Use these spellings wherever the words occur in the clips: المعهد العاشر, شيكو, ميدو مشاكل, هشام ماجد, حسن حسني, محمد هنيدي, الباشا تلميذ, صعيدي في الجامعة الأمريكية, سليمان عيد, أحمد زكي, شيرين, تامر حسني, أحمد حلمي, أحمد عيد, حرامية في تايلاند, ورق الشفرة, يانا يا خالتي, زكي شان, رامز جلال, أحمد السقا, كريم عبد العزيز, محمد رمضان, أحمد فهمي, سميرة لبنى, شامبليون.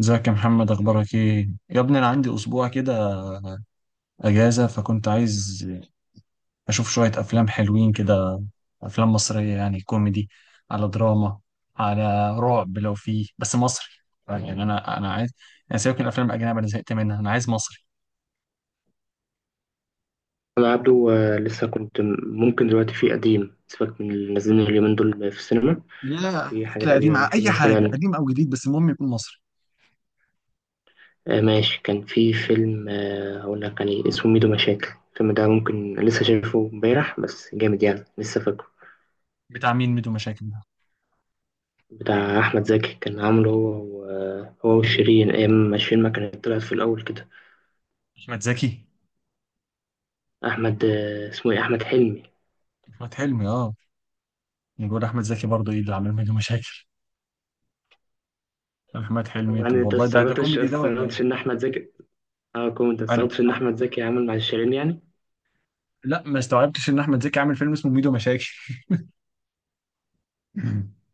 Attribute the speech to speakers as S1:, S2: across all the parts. S1: ازيك يا محمد، اخبارك ايه يا ابني؟ انا عندي اسبوع كده اجازه، فكنت عايز اشوف شويه افلام حلوين كده، افلام مصريه، يعني كوميدي على دراما على رعب، لو فيه بس مصري. يعني انا عايز، انا سيبك من الافلام الاجنبيه، انا زهقت منها، انا عايز مصري.
S2: أنا عبده آه، ممكن دلوقتي في قديم. سيبك من اللي نازلين اليومين دول في السينما.
S1: لا.
S2: في حاجات
S1: لا قديم
S2: قديمة، في
S1: اي حاجه،
S2: مثلا
S1: قديم او جديد، بس المهم يكون مصري.
S2: ماشي. كان في فيلم، هقول لك يعني، اسمه ميدو مشاكل. الفيلم ده ممكن لسه شايفه امبارح، بس جامد يعني، لسه فاكره.
S1: بتاع مين ميدو مشاكل ده؟
S2: بتاع أحمد زكي، كان عامله هو وشيرين أيام ما شيرين ما كانت طلعت في الأول كده.
S1: احمد زكي؟
S2: أحمد، اسمه إيه، أحمد حلمي.
S1: احمد حلمي، اه. نقول احمد زكي برضه، ايه اللي عامل ميدو مشاكل؟ احمد حلمي؟
S2: طبعا
S1: طب
S2: أنت
S1: والله ده كوميدي ده ولا ايه؟
S2: استغربتش إن أحمد زكي، أه كنت أنت
S1: انا
S2: استغربتش إن أحمد زكي عامل مع شيرين يعني.
S1: لا، ما استوعبتش ان احمد زكي عامل فيلم اسمه ميدو مشاكل.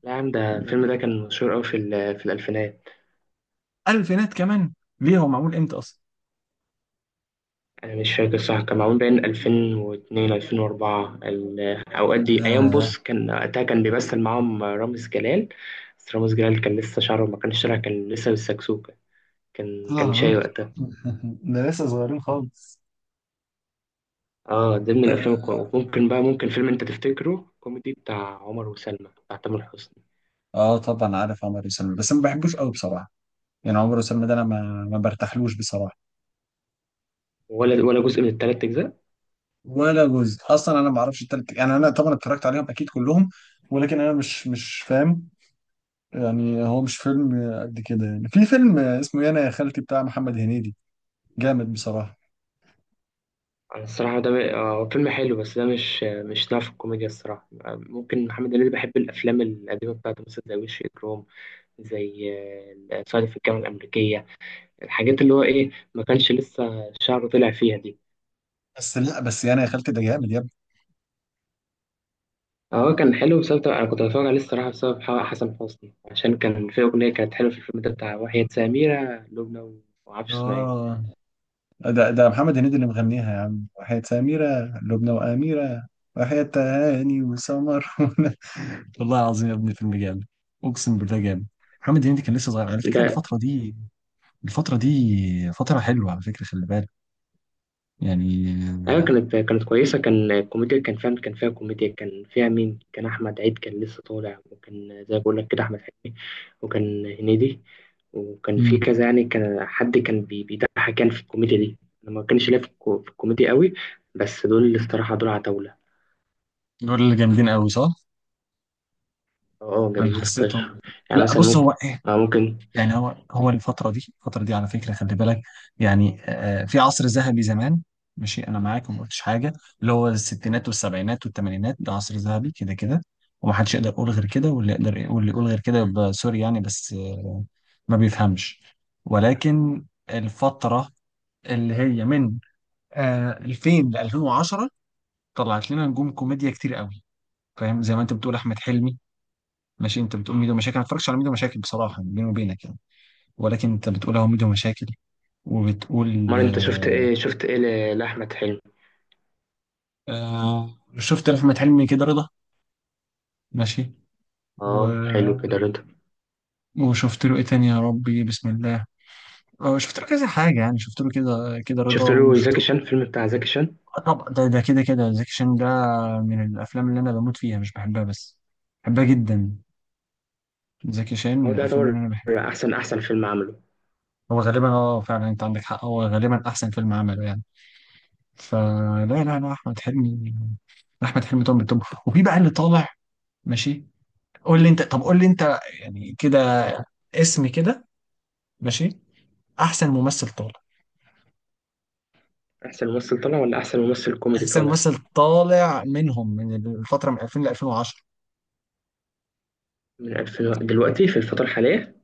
S2: لا يا عم، ده الفيلم ده كان مشهور أوي في الألفينات.
S1: الفينات كمان؟ ليه، هو معمول امتى اصلا؟
S2: أنا مش فاكر صح، كان معمول بين 2002 2004 الأوقات دي. أيام
S1: آه.
S2: بص، كان وقتها كان بيمثل معاهم رامز جلال. بس رامز جلال كان لسه شعره ما كانش طالع، كان لسه بالسكسوكة. كان
S1: آه.
S2: شاي وقتها.
S1: ده لسه صغيرين خالص.
S2: اه، ده من
S1: آه.
S2: ممكن بقى، ممكن فيلم أنت تفتكره كوميدي، بتاع عمر وسلمى بتاع تامر حسني.
S1: اه طبعا عارف عمر وسلمى، بس ما بحبوش قوي بصراحة. يعني عمر وسلمى ده انا ما برتاحلوش بصراحة.
S2: ولا جزء من التلات أجزاء.
S1: ولا جزء اصلا، انا ما اعرفش التالت، يعني انا طبعا اتفرجت عليهم اكيد كلهم، ولكن انا مش فاهم، يعني هو مش فيلم قد كده. يعني في فيلم اسمه يانا يا خالتي بتاع محمد هنيدي، جامد بصراحة.
S2: أنا الصراحة ده م- آه، هو فيلم حلو، بس ده مش نوع في الكوميديا الصراحة. ممكن محمد هنيدي، بحب الأفلام القديمة بتاعته، مثلا زي وش إجرام، زي صعيدي في الجامعة الأمريكية. الحاجات اللي هو إيه، ما كانش لسه شعره طلع فيها دي.
S1: بس لا، بس يانا يا خالتي ده جامد.
S2: هو كان حلو، بسبب أنا كنت بتفرج عليه الصراحة بسبب حسن حسني، عشان كان في أغنية كانت حلوة في الفيلم ده، بتاع وحياة سميرة لبنى. ومعرفش اسمها إيه.
S1: اه ده محمد هنيدي اللي مغنيها يا عم، وحياة سميرة لبنى وأميرة وحياة هاني وسمر. والله العظيم يا ابني فيلم جامد، اقسم بالله جامد. محمد هنيدي كان لسه صغير على فكرة
S2: ده
S1: الفترة دي. الفترة دي فترة حلوة على فكرة، خلي بالك يعني.
S2: ايوه، كانت كويسه. كان الكوميديا كان فيها كوميديا، كان فيها مين؟ كان احمد عيد كان لسه طالع، وكان زي ما بقول لك كده احمد حلمي، وكان هنيدي، وكان في
S1: امم
S2: كذا يعني. كان حد كان بيضحك يعني في الكوميديا دي. انا ما كانش ليا في الكو- في الكوميديا قوي، بس دول الصراحه دول عتاوله.
S1: دول اللي جامدين قوي صح؟
S2: اه
S1: انا
S2: جامدين
S1: حسيتهم.
S2: فشخ. يعني
S1: لا
S2: مثلا
S1: بص
S2: ممكن،
S1: هو
S2: اه ممكن.
S1: يعني هو الفترة دي، الفترة دي على فكرة خلي بالك، يعني في عصر ذهبي زمان، ماشي أنا معاك وما قلتش حاجة، اللي هو الستينات والسبعينات والثمانينات، ده عصر ذهبي كده كده. ومحدش يقدر يقول غير كده، واللي يقدر واللي يقول غير كده يبقى سوري يعني، بس ما بيفهمش. ولكن الفترة اللي هي من 2000 ل 2010 طلعت لنا نجوم كوميديا كتير قوي، فاهم؟ زي ما انت بتقول احمد حلمي، ماشي، انت بتقول ميدو مشاكل، انا ما اتفرجتش على ميدو مشاكل بصراحه بيني وبينك يعني، ولكن انت بتقول اهو ميدو مشاكل وبتقول
S2: مرة انت شفت
S1: آه.
S2: ايه، لاحمد حلمي؟
S1: آه، شفت لأحمد حلمي كده رضا، ماشي. و...
S2: اه، حلو كده رضا.
S1: وشفت له إيه تاني؟ يا ربي بسم الله. آه شفت له كذا حاجة، يعني شفت له كده كده
S2: شفت
S1: رضا،
S2: له
S1: وشفت.
S2: زكي شان الفيلم بتاع زكي شان.
S1: طبعا ده كده كده زكي شان، ده من الأفلام اللي أنا بموت فيها. مش بحبها بس، بحبها جدا. زكي شان
S2: هو
S1: من
S2: ده
S1: الأفلام اللي
S2: يعتبر
S1: أنا بحبها.
S2: احسن فيلم عمله.
S1: هو غالبا اه، فعلا انت عندك حق، هو غالبا احسن فيلم عمله يعني. فلا لا احمد حلمي، احمد حلمي طبعا بالطب. وفي بقى اللي طالع، ماشي، قول لي انت، طب قول لي انت يعني كده اسم كده، ماشي، احسن ممثل طالع.
S2: أحسن ممثل طالع ولا أحسن ممثل كوميدي
S1: احسن
S2: طالع؟
S1: ممثل طالع منهم من الفتره، من 2000 ل 2010.
S2: من 2001 دلوقتي في الفترة الحالية.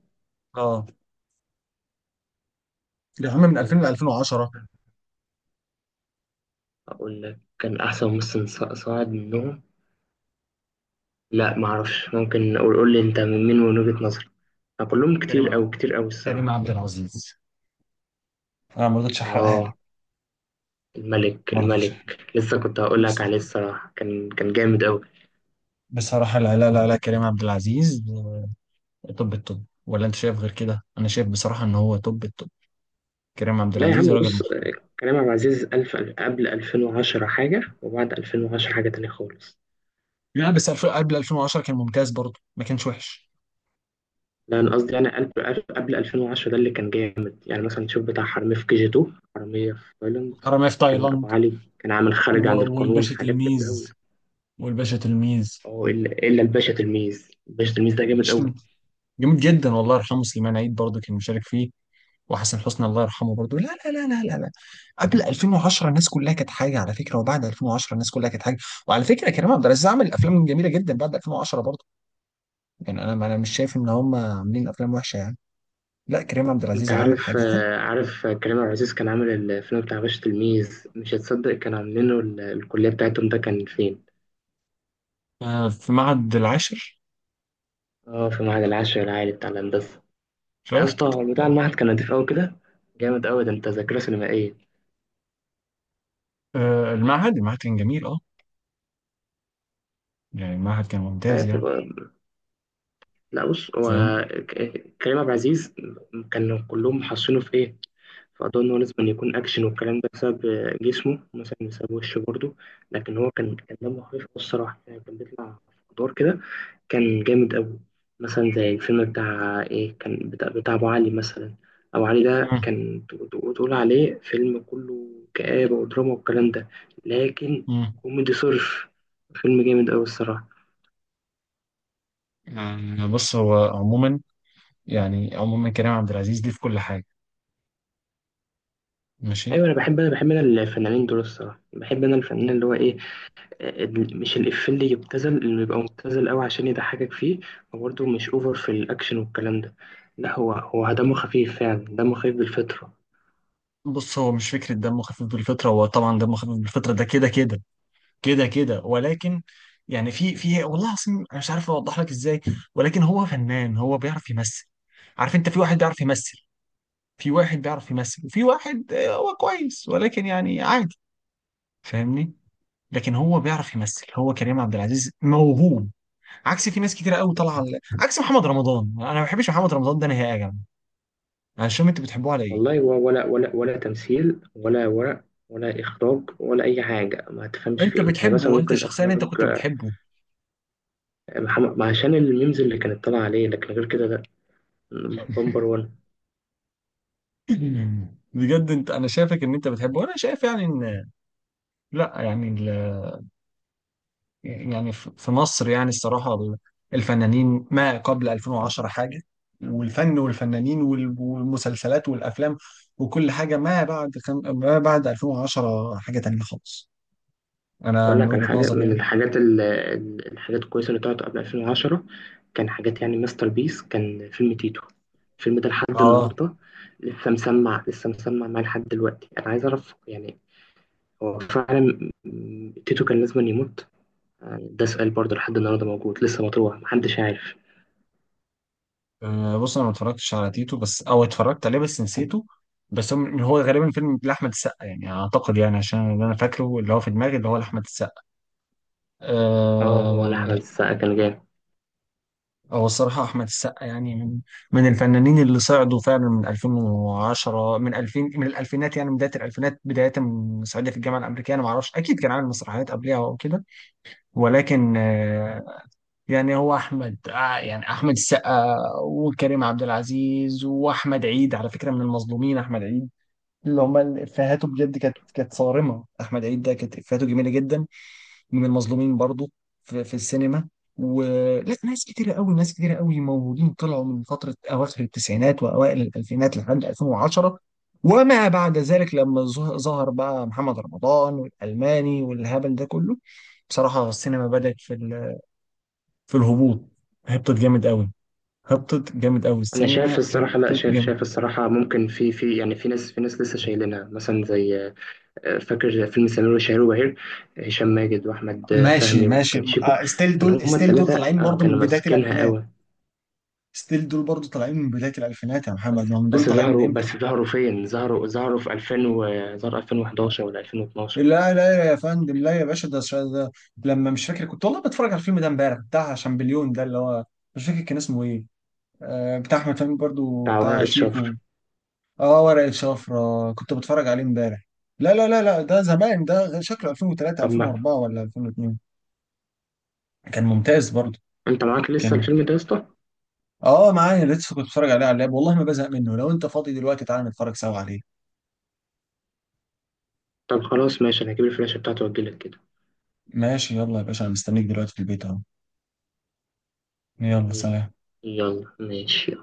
S1: اه، اللي هم من
S2: 2000
S1: 2000 ل
S2: لا،
S1: 2010.
S2: أقول لك كان أحسن ممثل صاعد منهم. لا معرفش، ممكن أقول، قول لي أنت من مين من وجهة نظرك. أنا كلهم
S1: كريم
S2: كتير أوي، كتير أوي
S1: كريم
S2: الصراحة.
S1: عبد العزيز. انا ما رضيتش احرقها لك.
S2: آه،
S1: ما رضيتش أحرقها.
S2: الملك لسه كنت هقول لك
S1: بس-
S2: عليه الصراحة، كان جامد أوي.
S1: بصراحه لا لا كريم عبد العزيز، توب التوب، ولا انت شايف غير كده؟ انا شايف بصراحه ان هو توب التوب. كريم عبد
S2: لا يا عم
S1: العزيز راجل
S2: بص،
S1: محترم.
S2: كريم عبد العزيز ألف قبل 2010 حاجة، وبعد 2010 حاجة تانية خالص.
S1: لا بس 2000 قبل 2010 كان ممتاز برضه، ما كانش وحش.
S2: لا انا قصدي يعني قبل 2010 ده اللي كان جامد. يعني مثلا تشوف بتاع حرامية في كي جي 2، حرامية في تايلاند.
S1: حرامية في
S2: كان ابو
S1: تايلاند
S2: علي، كان عامل خارج عن القانون،
S1: والباشا
S2: حاجات جامدة
S1: تلميذ،
S2: قوي.
S1: والباشا تلميذ.
S2: اه إلا الباشا تلميذ. الباشا تلميذ ده جامد
S1: الباشا
S2: قوي.
S1: جميل جدا، والله يرحمه سليمان عيد برضه كان مشارك فيه، وحسن حسني الله يرحمه برضه. لا لا. قبل 2010 الناس كلها كانت حاجه على فكره، وبعد 2010 الناس كلها كانت حاجه. وعلى فكره كريم عبد العزيز عمل افلام جميله جدا بعد 2010 برضه، يعني انا مش شايف ان هم عاملين افلام وحشه يعني. لا كريم عبد
S2: انت
S1: العزيز عامل
S2: عارف
S1: حاجه حلوه.
S2: عارف كريم عبد العزيز كان عامل الفيلم بتاع باشا تلميذ؟ مش هتصدق، كان عاملينه الكلية بتاعتهم ده كان فين؟
S1: في معهد العاشر.
S2: اه، في معهد العاشر العالي بتاع الهندسة. يا
S1: شفت.
S2: اسطى هو بتاع
S1: آه،
S2: المعهد كان نضيف قوي كده، جامد قوي. ده انت ذاكرة سينمائية.
S1: المعهد كان جميل، اه، يعني المعهد كان
S2: آه،
S1: ممتاز يعني.
S2: تبقى، لا بص هو
S1: فاهم.
S2: كريم عبد العزيز كانوا كلهم محصينه في ايه، في قضاء ان هو لازم يكون اكشن والكلام ده، بسبب جسمه مثلا، بسبب وشه برضه. لكن هو كان دمه خفيف أوي الصراحه يعني، كان بيطلع في ادوار كده، كان جامد قوي. مثلا زي الفيلم بتاع ايه، كان بتاع ابو علي مثلا. ابو علي ده
S1: مم.
S2: كان تقول عليه فيلم كله كآبة ودراما والكلام ده، لكن
S1: مم.
S2: كوميدي صرف، فيلم جامد قوي الصراحه.
S1: بص هو عموما، يعني عموما كريم عبد العزيز ليه في كل حاجة، ماشي.
S2: ايوه انا بحب، انا الفنانين دول الصراحه، بحب انا الفنان اللي هو ايه، مش الإفيه اللي يبتذل، اللي بيبقى مبتذل قوي عشان يضحكك فيه، وبرده مش اوفر في الاكشن والكلام ده. لا هو دمه خفيف فعلا، دمه خفيف بالفطره.
S1: بص هو مش فكرة دمه خفيف بالفطرة، هو طبعا دمه خفيف بالفطرة ده كده كده، كده كده، ولكن يعني في والله العظيم انا مش عارف اوضح لك ازاي، ولكن هو فنان، هو بيعرف يمثل. عارف انت؟ في واحد بيعرف يمثل، في واحد بيعرف يمثل وفي واحد هو كويس ولكن يعني عادي، فاهمني؟ لكن هو بيعرف يمثل، هو كريم عبد العزيز موهوب، عكس في ناس كتير قوي عكس محمد رمضان. انا ما بحبش محمد رمضان ده نهائي يا جماعه، انا مش فاهم انتوا بتحبوه على ايه؟
S2: والله هو ولا ولا تمثيل ولا ورق ولا اخراج ولا اي حاجه. ما تفهمش في
S1: انت
S2: ايه، يعني مثلا
S1: بتحبه؟ انت
S2: ممكن
S1: شخصيا انت
S2: اخراج.
S1: كنت بتحبه؟
S2: محمد عشان الميمز اللي كانت طالعه عليه، لكن غير كده لا. بمبر.
S1: بجد انت، انا شايفك ان انت بتحبه، وانا شايف يعني ان، لا يعني يعني في مصر يعني الصراحه الفنانين ما قبل 2010 حاجه، والفن والفنانين والمسلسلات والافلام وكل حاجه ما بعد ما بعد 2010 حاجه تانية خالص، انا
S2: أقول
S1: من
S2: لك على
S1: وجهه
S2: حاجة
S1: نظري
S2: من
S1: يعني.
S2: الحاجات الكويسة اللي طلعت قبل 2010، كان حاجات يعني ماستر بيس، كان فيلم تيتو. الفيلم ده لحد
S1: اه.
S2: النهاردة لسه مسمع معايا لحد دلوقتي. أنا عايز أعرف يعني، هو فعلا تيتو كان لازم أن يموت؟ يعني ده سؤال برضه لحد النهاردة موجود، لسه مطروح، محدش عارف.
S1: أه بص انا ما اتفرجتش على تيتو، بس او اتفرجت عليه بس نسيته، بس هو غالبا فيلم لاحمد السقا يعني اعتقد، يعني عشان اللي انا فاكره اللي هو في دماغي اللي هو لاحمد السقا.
S2: اه هو لا، أحمد
S1: أه.
S2: السقا كان جامد.
S1: هو الصراحه احمد السقا يعني من من الفنانين اللي صعدوا فعلا من 2010 من 2000، من الالفينات يعني، من بدايه الالفينات، بدايه من صعيدي في الجامعه الامريكيه. انا ما اعرفش، اكيد كان عامل مسرحيات قبلها او كده، ولكن يعني هو احمد يعني احمد السقا وكريم عبد العزيز واحمد عيد، على فكره من المظلومين احمد عيد، اللي هم افهاته بجد كانت، كانت صارمه. احمد عيد ده كانت افهاته جميله جدا، من المظلومين برضو في، في السينما. ولا ناس كتيره قوي، ناس كتيره قوي موجودين طلعوا من فتره اواخر التسعينات واوائل الالفينات لحد 2010. وما بعد ذلك لما ظهر بقى محمد رمضان والالماني والهبل ده كله، بصراحه السينما بدات في في الهبوط، هبطت جامد قوي، هبطت جامد قوي،
S2: أنا شايف
S1: السينما
S2: الصراحة، لا
S1: هبطت
S2: شايف،
S1: جامد.
S2: شايف الصراحة ممكن في، في يعني في ناس، لسه شايلينها مثلا. زي، فاكر فيلم سمير وشهير وبهير؟ هشام ماجد واحمد
S1: ماشي،
S2: فهمي
S1: ماشي.
S2: وكان شيكو،
S1: ستيل
S2: كان
S1: دول،
S2: هما
S1: ستيل دول طالعين
S2: الثلاثه
S1: برضو من
S2: كانوا
S1: بداية
S2: ماسكينها
S1: الألفينات.
S2: قوي.
S1: ستيل دول برضو طالعين من بداية الألفينات يا
S2: بس
S1: محمد، ما هم دول
S2: بس
S1: طالعين من
S2: ظهروا
S1: إمتى؟
S2: بس ظهروا فين؟ ظهروا في 2000 و... ظهر 2011 ولا 2012.
S1: لا لا يا فندم، لا يا باشا، ده لما مش فاكر، كنت والله بتفرج على الفيلم ده امبارح بتاع شامبليون ده اللي هو، مش فاكر كان اسمه إيه. آه بتاع أحمد فهمي برضو،
S2: بتاع
S1: بتاع
S2: ورقة
S1: شيكو.
S2: شفر.
S1: آه ورق الشفرة كنت بتفرج عليه امبارح. لا لا، ده زمان، ده شكله 2003
S2: طب ما
S1: 2004 ولا 2002. كان ممتاز برضه.
S2: انت معاك لسه
S1: كان،
S2: الفيلم ده يا اسطى؟
S1: اه معايا لسه، كنت بتفرج عليه على اللاب والله ما بزهق منه. لو انت فاضي دلوقتي تعالى نتفرج سوا عليه.
S2: طب خلاص ماشي، انا هجيب الفلاشة بتاعته واجيلك كده.
S1: ماشي، يلا يا باشا، انا مستنيك دلوقتي في البيت اهو. يلا سلام.
S2: يلا ماشي.